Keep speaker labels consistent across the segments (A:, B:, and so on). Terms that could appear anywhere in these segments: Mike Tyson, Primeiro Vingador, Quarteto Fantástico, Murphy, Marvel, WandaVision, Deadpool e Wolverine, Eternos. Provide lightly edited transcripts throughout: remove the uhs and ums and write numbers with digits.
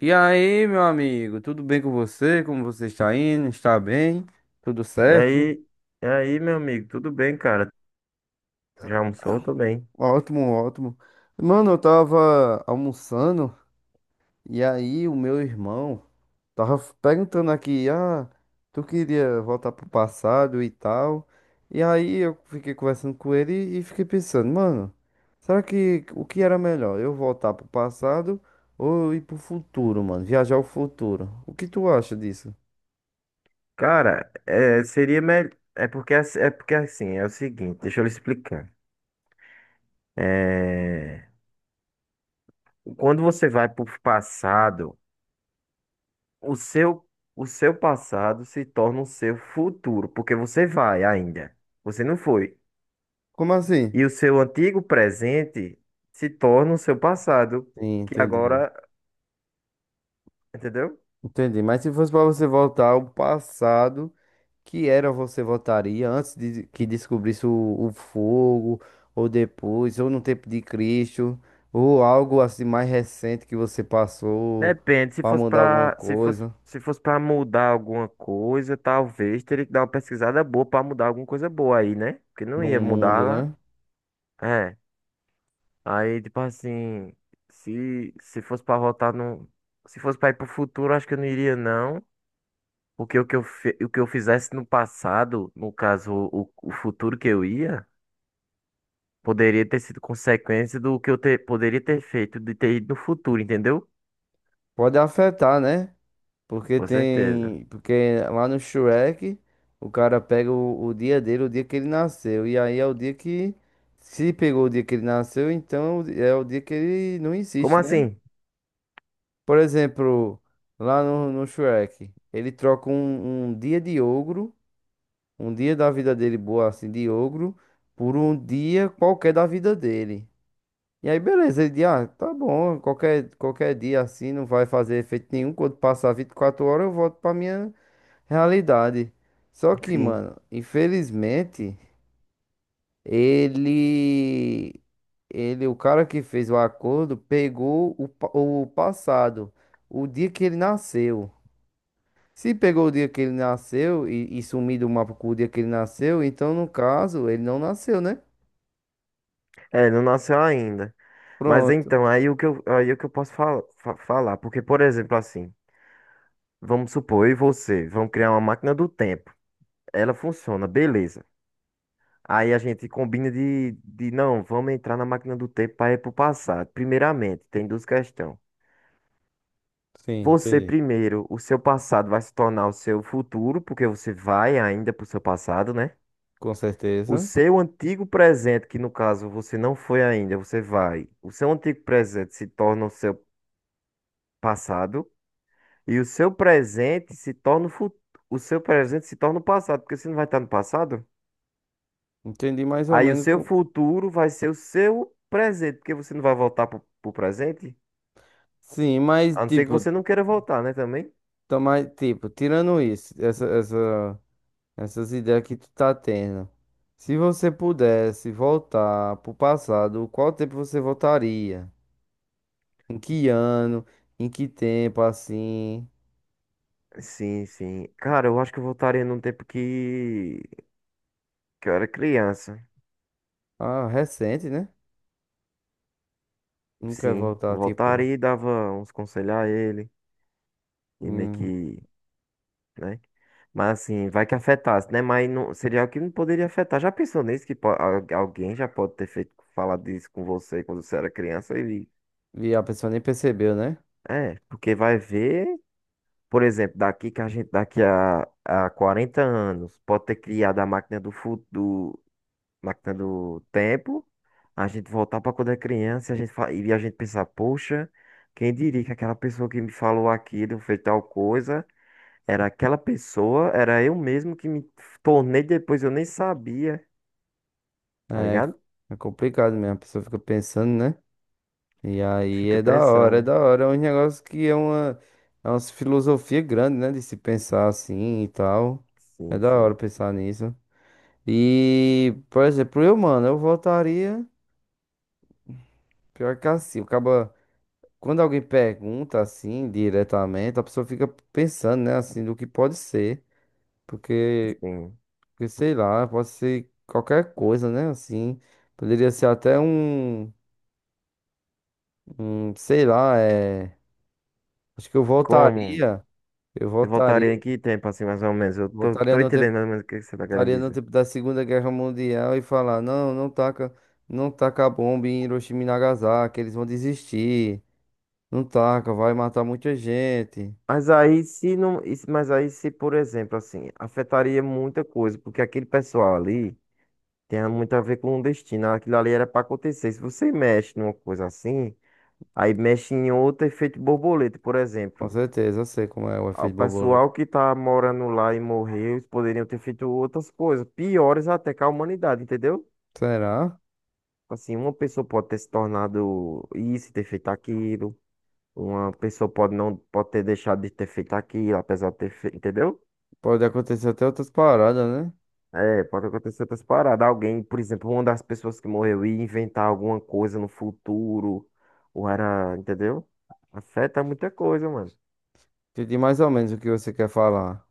A: E aí, meu amigo, tudo bem com você? Como você está indo? Está bem? Tudo
B: E
A: certo?
B: aí, e aí, meu amigo, tudo bem, cara? Já almoçou? Tô bem.
A: Ótimo, ótimo. Mano, eu tava almoçando e aí o meu irmão tava perguntando aqui, ah, tu queria voltar pro passado e tal. E aí eu fiquei conversando com ele e fiquei pensando, mano, será que o que era melhor? Eu voltar pro passado ou ir pro futuro, mano? Viajar ao futuro. O que tu acha disso?
B: Cara, seria melhor. É porque, é porque assim, é o seguinte, deixa eu lhe explicar. É, Quando você vai pro passado, o seu, o seu passado se torna o seu futuro, porque você vai ainda. Você não foi.
A: Como assim?
B: E o seu antigo presente se torna o seu passado,
A: Sim,
B: que
A: entendi.
B: agora, entendeu?
A: Entendi. Mas se fosse para você voltar ao passado, que era você votaria antes de que descobrisse o fogo, ou depois, ou no tempo de Cristo, ou algo assim mais recente que você passou
B: Depende, se
A: para
B: fosse
A: mudar alguma
B: pra, se fosse,
A: coisa
B: se fosse para mudar alguma coisa, talvez teria que dar uma pesquisada boa pra mudar alguma coisa boa aí, né? Porque não
A: no
B: ia mudar
A: mundo,
B: lá.
A: né?
B: É. Aí, tipo assim, se fosse pra voltar no, se fosse pra ir pro futuro, acho que eu não iria não, porque o que eu fizesse no passado, no caso, o futuro que eu ia, poderia ter sido consequência do que eu ter, poderia ter feito de ter ido no futuro, entendeu?
A: Pode afetar, né?
B: Com certeza.
A: Porque lá no Shrek, o cara pega o dia dele, o dia que ele nasceu, e aí é o dia que se pegou o dia que ele nasceu, então é o dia que ele não
B: Como
A: existe, né?
B: assim?
A: Por exemplo, lá no Shrek, ele troca um dia de ogro, um dia da vida dele boa assim de ogro, por um dia qualquer da vida dele. E aí, beleza, ele diz, ah, tá bom, qualquer dia assim não vai fazer efeito nenhum. Quando passar 24 horas, eu volto pra minha realidade. Só que,
B: Sim.
A: mano, infelizmente, ele, ele, o cara que fez o acordo, pegou o passado, o dia que ele nasceu. Se pegou o dia que ele nasceu e sumir do mapa com o dia que ele nasceu, então no caso ele não nasceu, né?
B: É, não nasceu ainda. Mas
A: Pronto.
B: então, aí o que eu posso falar? Porque, por exemplo, assim, vamos supor, eu e você, vamos criar uma máquina do tempo. Ela funciona, beleza. Aí a gente combina de não, vamos entrar na máquina do tempo para ir pro passado. Primeiramente, tem duas questões.
A: Sim,
B: Você
A: entendi.
B: primeiro, o seu passado vai se tornar o seu futuro, porque você vai ainda pro seu passado, né?
A: Com
B: O
A: certeza.
B: seu antigo presente, que no caso você não foi ainda, você vai. O seu antigo presente se torna o seu passado. E o seu presente se torna o futuro. O seu presente se torna o passado, porque você não vai estar no passado.
A: Entendi mais ou
B: Aí o
A: menos.
B: seu futuro vai ser o seu presente, porque você não vai voltar pro presente.
A: Sim, mas
B: A não ser que
A: tipo,
B: você não queira voltar, né, também?
A: tá mais, tipo, tirando isso, essas ideias que tu tá tendo. Se você pudesse voltar pro passado, qual tempo você voltaria? Em que ano? Em que tempo assim?
B: Sim, sim. Cara, eu acho que eu voltaria num que eu era criança.
A: Ah, recente, né? Não quer
B: Sim,
A: voltar, tipo.
B: voltaria e dava uns conselhos a ele. E meio que né? Mas assim, vai que afetasse, né? Mas não, seria algo que não poderia afetar. Já pensou nisso que alguém já pode ter feito falado isso com você quando você era criança? Ele
A: E a pessoa nem percebeu, né?
B: é, porque vai ver, por exemplo, daqui a 40 anos pode ter criado a máquina do futuro, máquina do tempo, a gente voltar para quando é criança, e a gente pensar, poxa, quem diria que aquela pessoa que me falou aquilo fez tal coisa? Era aquela pessoa, era eu mesmo que me tornei depois, eu nem sabia, tá
A: É,
B: ligado?
A: é complicado mesmo, a pessoa fica pensando, né? E aí
B: Fica
A: é da hora, é
B: pensando.
A: da hora. É um negócio que é uma filosofia grande, né? De se pensar assim e tal. É
B: Sim,
A: da hora
B: sim,
A: pensar nisso. E, por exemplo, eu, mano, eu voltaria. Pior que assim, acaba. Quando alguém pergunta assim, diretamente, a pessoa fica pensando, né? Assim, do que pode ser. Porque.
B: sim.
A: Porque sei lá, pode ser qualquer coisa, né? Assim, poderia ser até um, sei lá. Acho que eu
B: Como?
A: voltaria, eu
B: Eu voltaria em
A: voltaria,
B: que tempo, assim, mais ou menos? Eu
A: voltaria
B: tô
A: no
B: entendendo
A: tempo,
B: mais ou menos o que você tá querendo
A: voltaria no
B: dizer.
A: tempo da Segunda Guerra Mundial e falar, não, não taca, não taca a bomba em Hiroshima e Nagasaki, eles vão desistir. Não taca, vai matar muita gente.
B: Mas aí se não, mas aí se, por exemplo, assim, afetaria muita coisa, porque aquele pessoal ali tem muito a ver com o destino, aquilo ali era pra acontecer. Se você mexe numa coisa assim, aí mexe em outro efeito borboleta, por
A: Com
B: exemplo.
A: certeza, eu sei como é o
B: O
A: efeito borboleta.
B: pessoal que tá morando lá e morreu, eles poderiam ter feito outras coisas, piores até que a humanidade, entendeu?
A: Será?
B: Assim, uma pessoa pode ter se tornado isso, e ter feito aquilo, uma pessoa pode não pode ter deixado de ter feito aquilo, apesar de ter feito, entendeu?
A: Pode acontecer até outras paradas, né?
B: É, pode acontecer outras paradas. Alguém, por exemplo, uma das pessoas que morreu ia inventar alguma coisa no futuro, ou era, entendeu? Afeta muita coisa, mano.
A: Entendi mais ou menos o que você quer falar.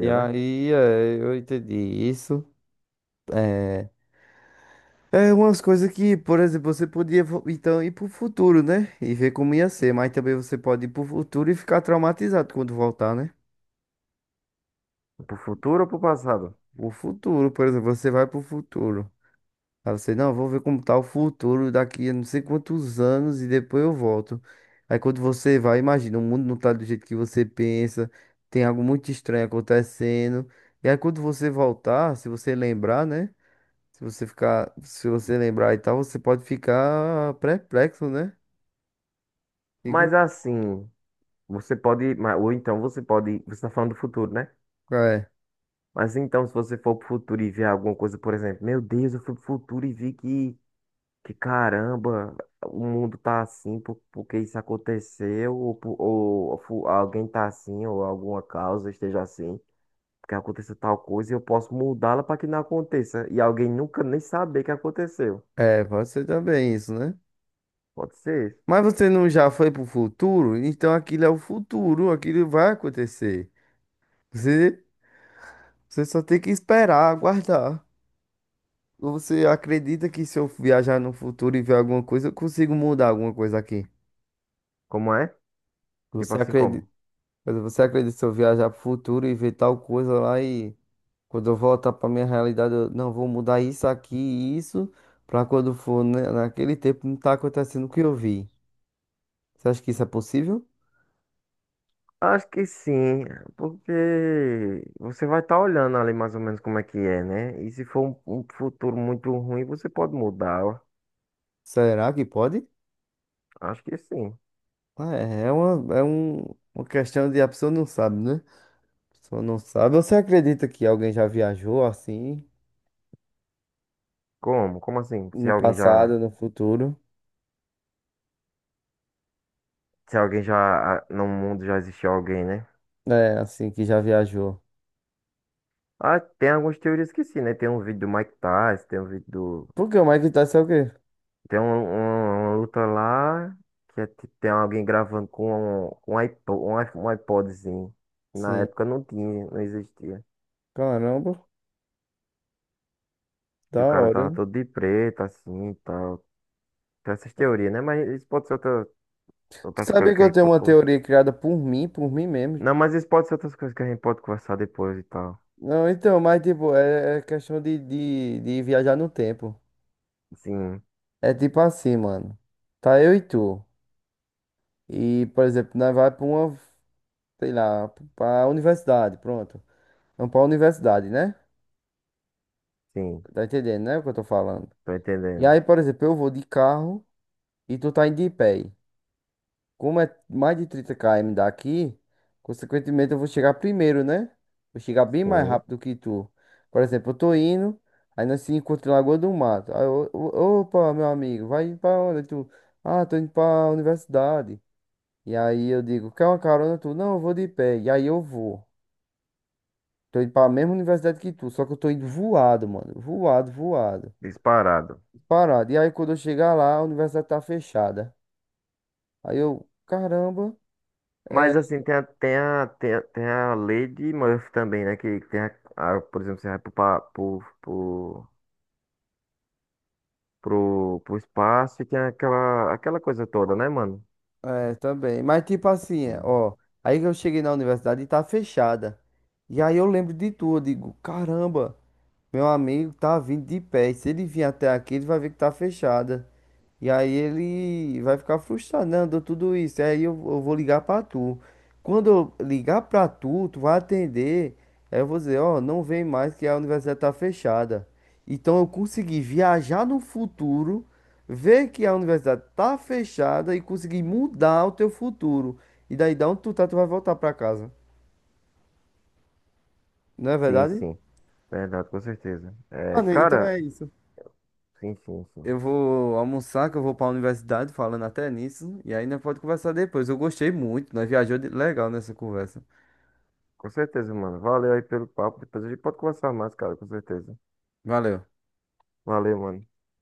A: E
B: né?
A: aí, eu entendi isso. É, é umas coisas que, por exemplo, você podia então ir pro futuro, né? E ver como ia ser, mas também você pode ir pro futuro e ficar traumatizado quando voltar, né?
B: Pro futuro ou pro passado?
A: O futuro, por exemplo, você vai pro futuro. Aí você, não, vou ver como tá o futuro daqui a não sei quantos anos e depois eu volto. Aí quando você vai, imagina, o mundo não tá do jeito que você pensa, tem algo muito estranho acontecendo. E aí quando você voltar, se você lembrar, né? Se você lembrar e tal, você pode ficar perplexo, né? E
B: Mas assim. Você ou então você pode, você está falando do futuro, né?
A: é,
B: Mas então, se você for pro futuro e ver alguma coisa, por exemplo, meu Deus, eu fui pro futuro e que caramba, o mundo tá assim porque isso aconteceu, ou, por- ou, fu- alguém tá assim, ou alguma causa esteja assim, porque aconteceu tal coisa e eu posso mudá-la para que não aconteça, e alguém nunca nem saber que aconteceu.
A: é, pode ser também isso, né?
B: Pode ser.
A: Mas você não já foi pro futuro? Então aquilo é o futuro, aquilo vai acontecer. Você, você só tem que esperar, aguardar. Ou você acredita que se eu viajar no futuro e ver alguma coisa, eu consigo mudar alguma coisa aqui?
B: Como é? Tipo
A: Você
B: assim,
A: acredita,
B: como?
A: você acredita se eu viajar pro futuro e ver tal coisa lá e quando eu voltar para minha realidade, eu não vou mudar isso aqui e isso para quando for naquele tempo não tá acontecendo o que eu vi. Você acha que isso é possível?
B: Acho que sim, porque você vai estar olhando ali mais ou menos como é que é, né? E se for um futuro muito ruim, você pode mudar.
A: Será que pode?
B: Acho que sim.
A: Ah, é uma questão de a pessoa não sabe, né? A pessoa não sabe. Você acredita que alguém já viajou assim,
B: Como? Como assim?
A: no passado, no futuro?
B: Se alguém já ah, no mundo já existiu alguém, né?
A: É, assim, que já viajou.
B: Ah, tem algumas teorias que sim, né? Tem um vídeo do Mike Tyson, tem um vídeo do,
A: Por que o Mike tá é o quê?
B: tem uma luta lá que é tem alguém gravando com um iPod, um iPodzinho. Na
A: Sim.
B: época não tinha, não existia.
A: Caramba,
B: E
A: da
B: o cara
A: hora,
B: tava
A: né?
B: todo de preto, assim, e tal. Tem essas teorias, né? Mas isso pode ser
A: Tu
B: outras coisas
A: sabia que
B: que a
A: eu
B: gente
A: tenho
B: pode
A: uma
B: conversar.
A: teoria criada por mim mesmo?
B: Não, mas isso pode ser outras coisas que a gente pode conversar depois e tal.
A: Não, então, mas tipo, é questão de viajar no tempo.
B: Sim,
A: É tipo assim, mano. Tá eu e tu. E, por exemplo, nós vai sei lá, pra universidade, pronto. Vamos pra universidade, né?
B: sim,
A: Tá entendendo, né, o que eu tô falando?
B: tô
A: E
B: entendendo.
A: aí, por exemplo, eu vou de carro e tu tá indo de pé. Como é mais de 30 km daqui, consequentemente eu vou chegar primeiro, né? Vou chegar bem mais
B: Sim,
A: rápido que tu. Por exemplo, eu tô indo, aí nós se encontra em Lagoa do Mato. Aí eu, opa, meu amigo, vai pra onde tu? Ah, tô indo pra universidade. E aí eu digo, quer uma carona tu? Não, eu vou de pé. E aí eu vou. Tô indo pra mesma universidade que tu, só que eu tô indo voado, mano. Voado, voado.
B: disparado.
A: Parado. E aí quando eu chegar lá, a universidade tá fechada. Aí eu, caramba. é,
B: Mas assim, tem a lei de Murphy também, né? Que tem a- Por exemplo, você vai pro, pa- pro, pro, pro, pro espaço e tem aquela coisa toda, né, mano?
A: É, também. Mas tipo assim, ó. Aí que eu cheguei na universidade e tá fechada. E aí eu lembro de tudo, eu digo, caramba. Meu amigo tá vindo de pé. E se ele vir até aqui, ele vai ver que tá fechada. E aí ele vai ficar frustrado, não, deu tudo isso. Aí eu vou ligar pra tu. Quando eu ligar pra tu, tu vai atender. Aí eu vou dizer, ó, não vem mais que a universidade tá fechada. Então eu consegui viajar no futuro, ver que a universidade tá fechada e conseguir mudar o teu futuro. E daí, da onde tu tá, tu vai voltar pra casa. Não é
B: Sim, sim.
A: verdade?
B: Sim. Verdade, com certeza. É,
A: Mano, então
B: cara,
A: é isso.
B: sim, sim, sim.
A: Eu vou almoçar, que eu vou pra universidade, falando até nisso. E aí nós pode conversar depois. Eu gostei muito, nós viajou legal nessa conversa.
B: Com certeza, mano. Valeu aí pelo papo. Depois a gente pode conversar mais, cara, com certeza.
A: Valeu.
B: Valeu, mano.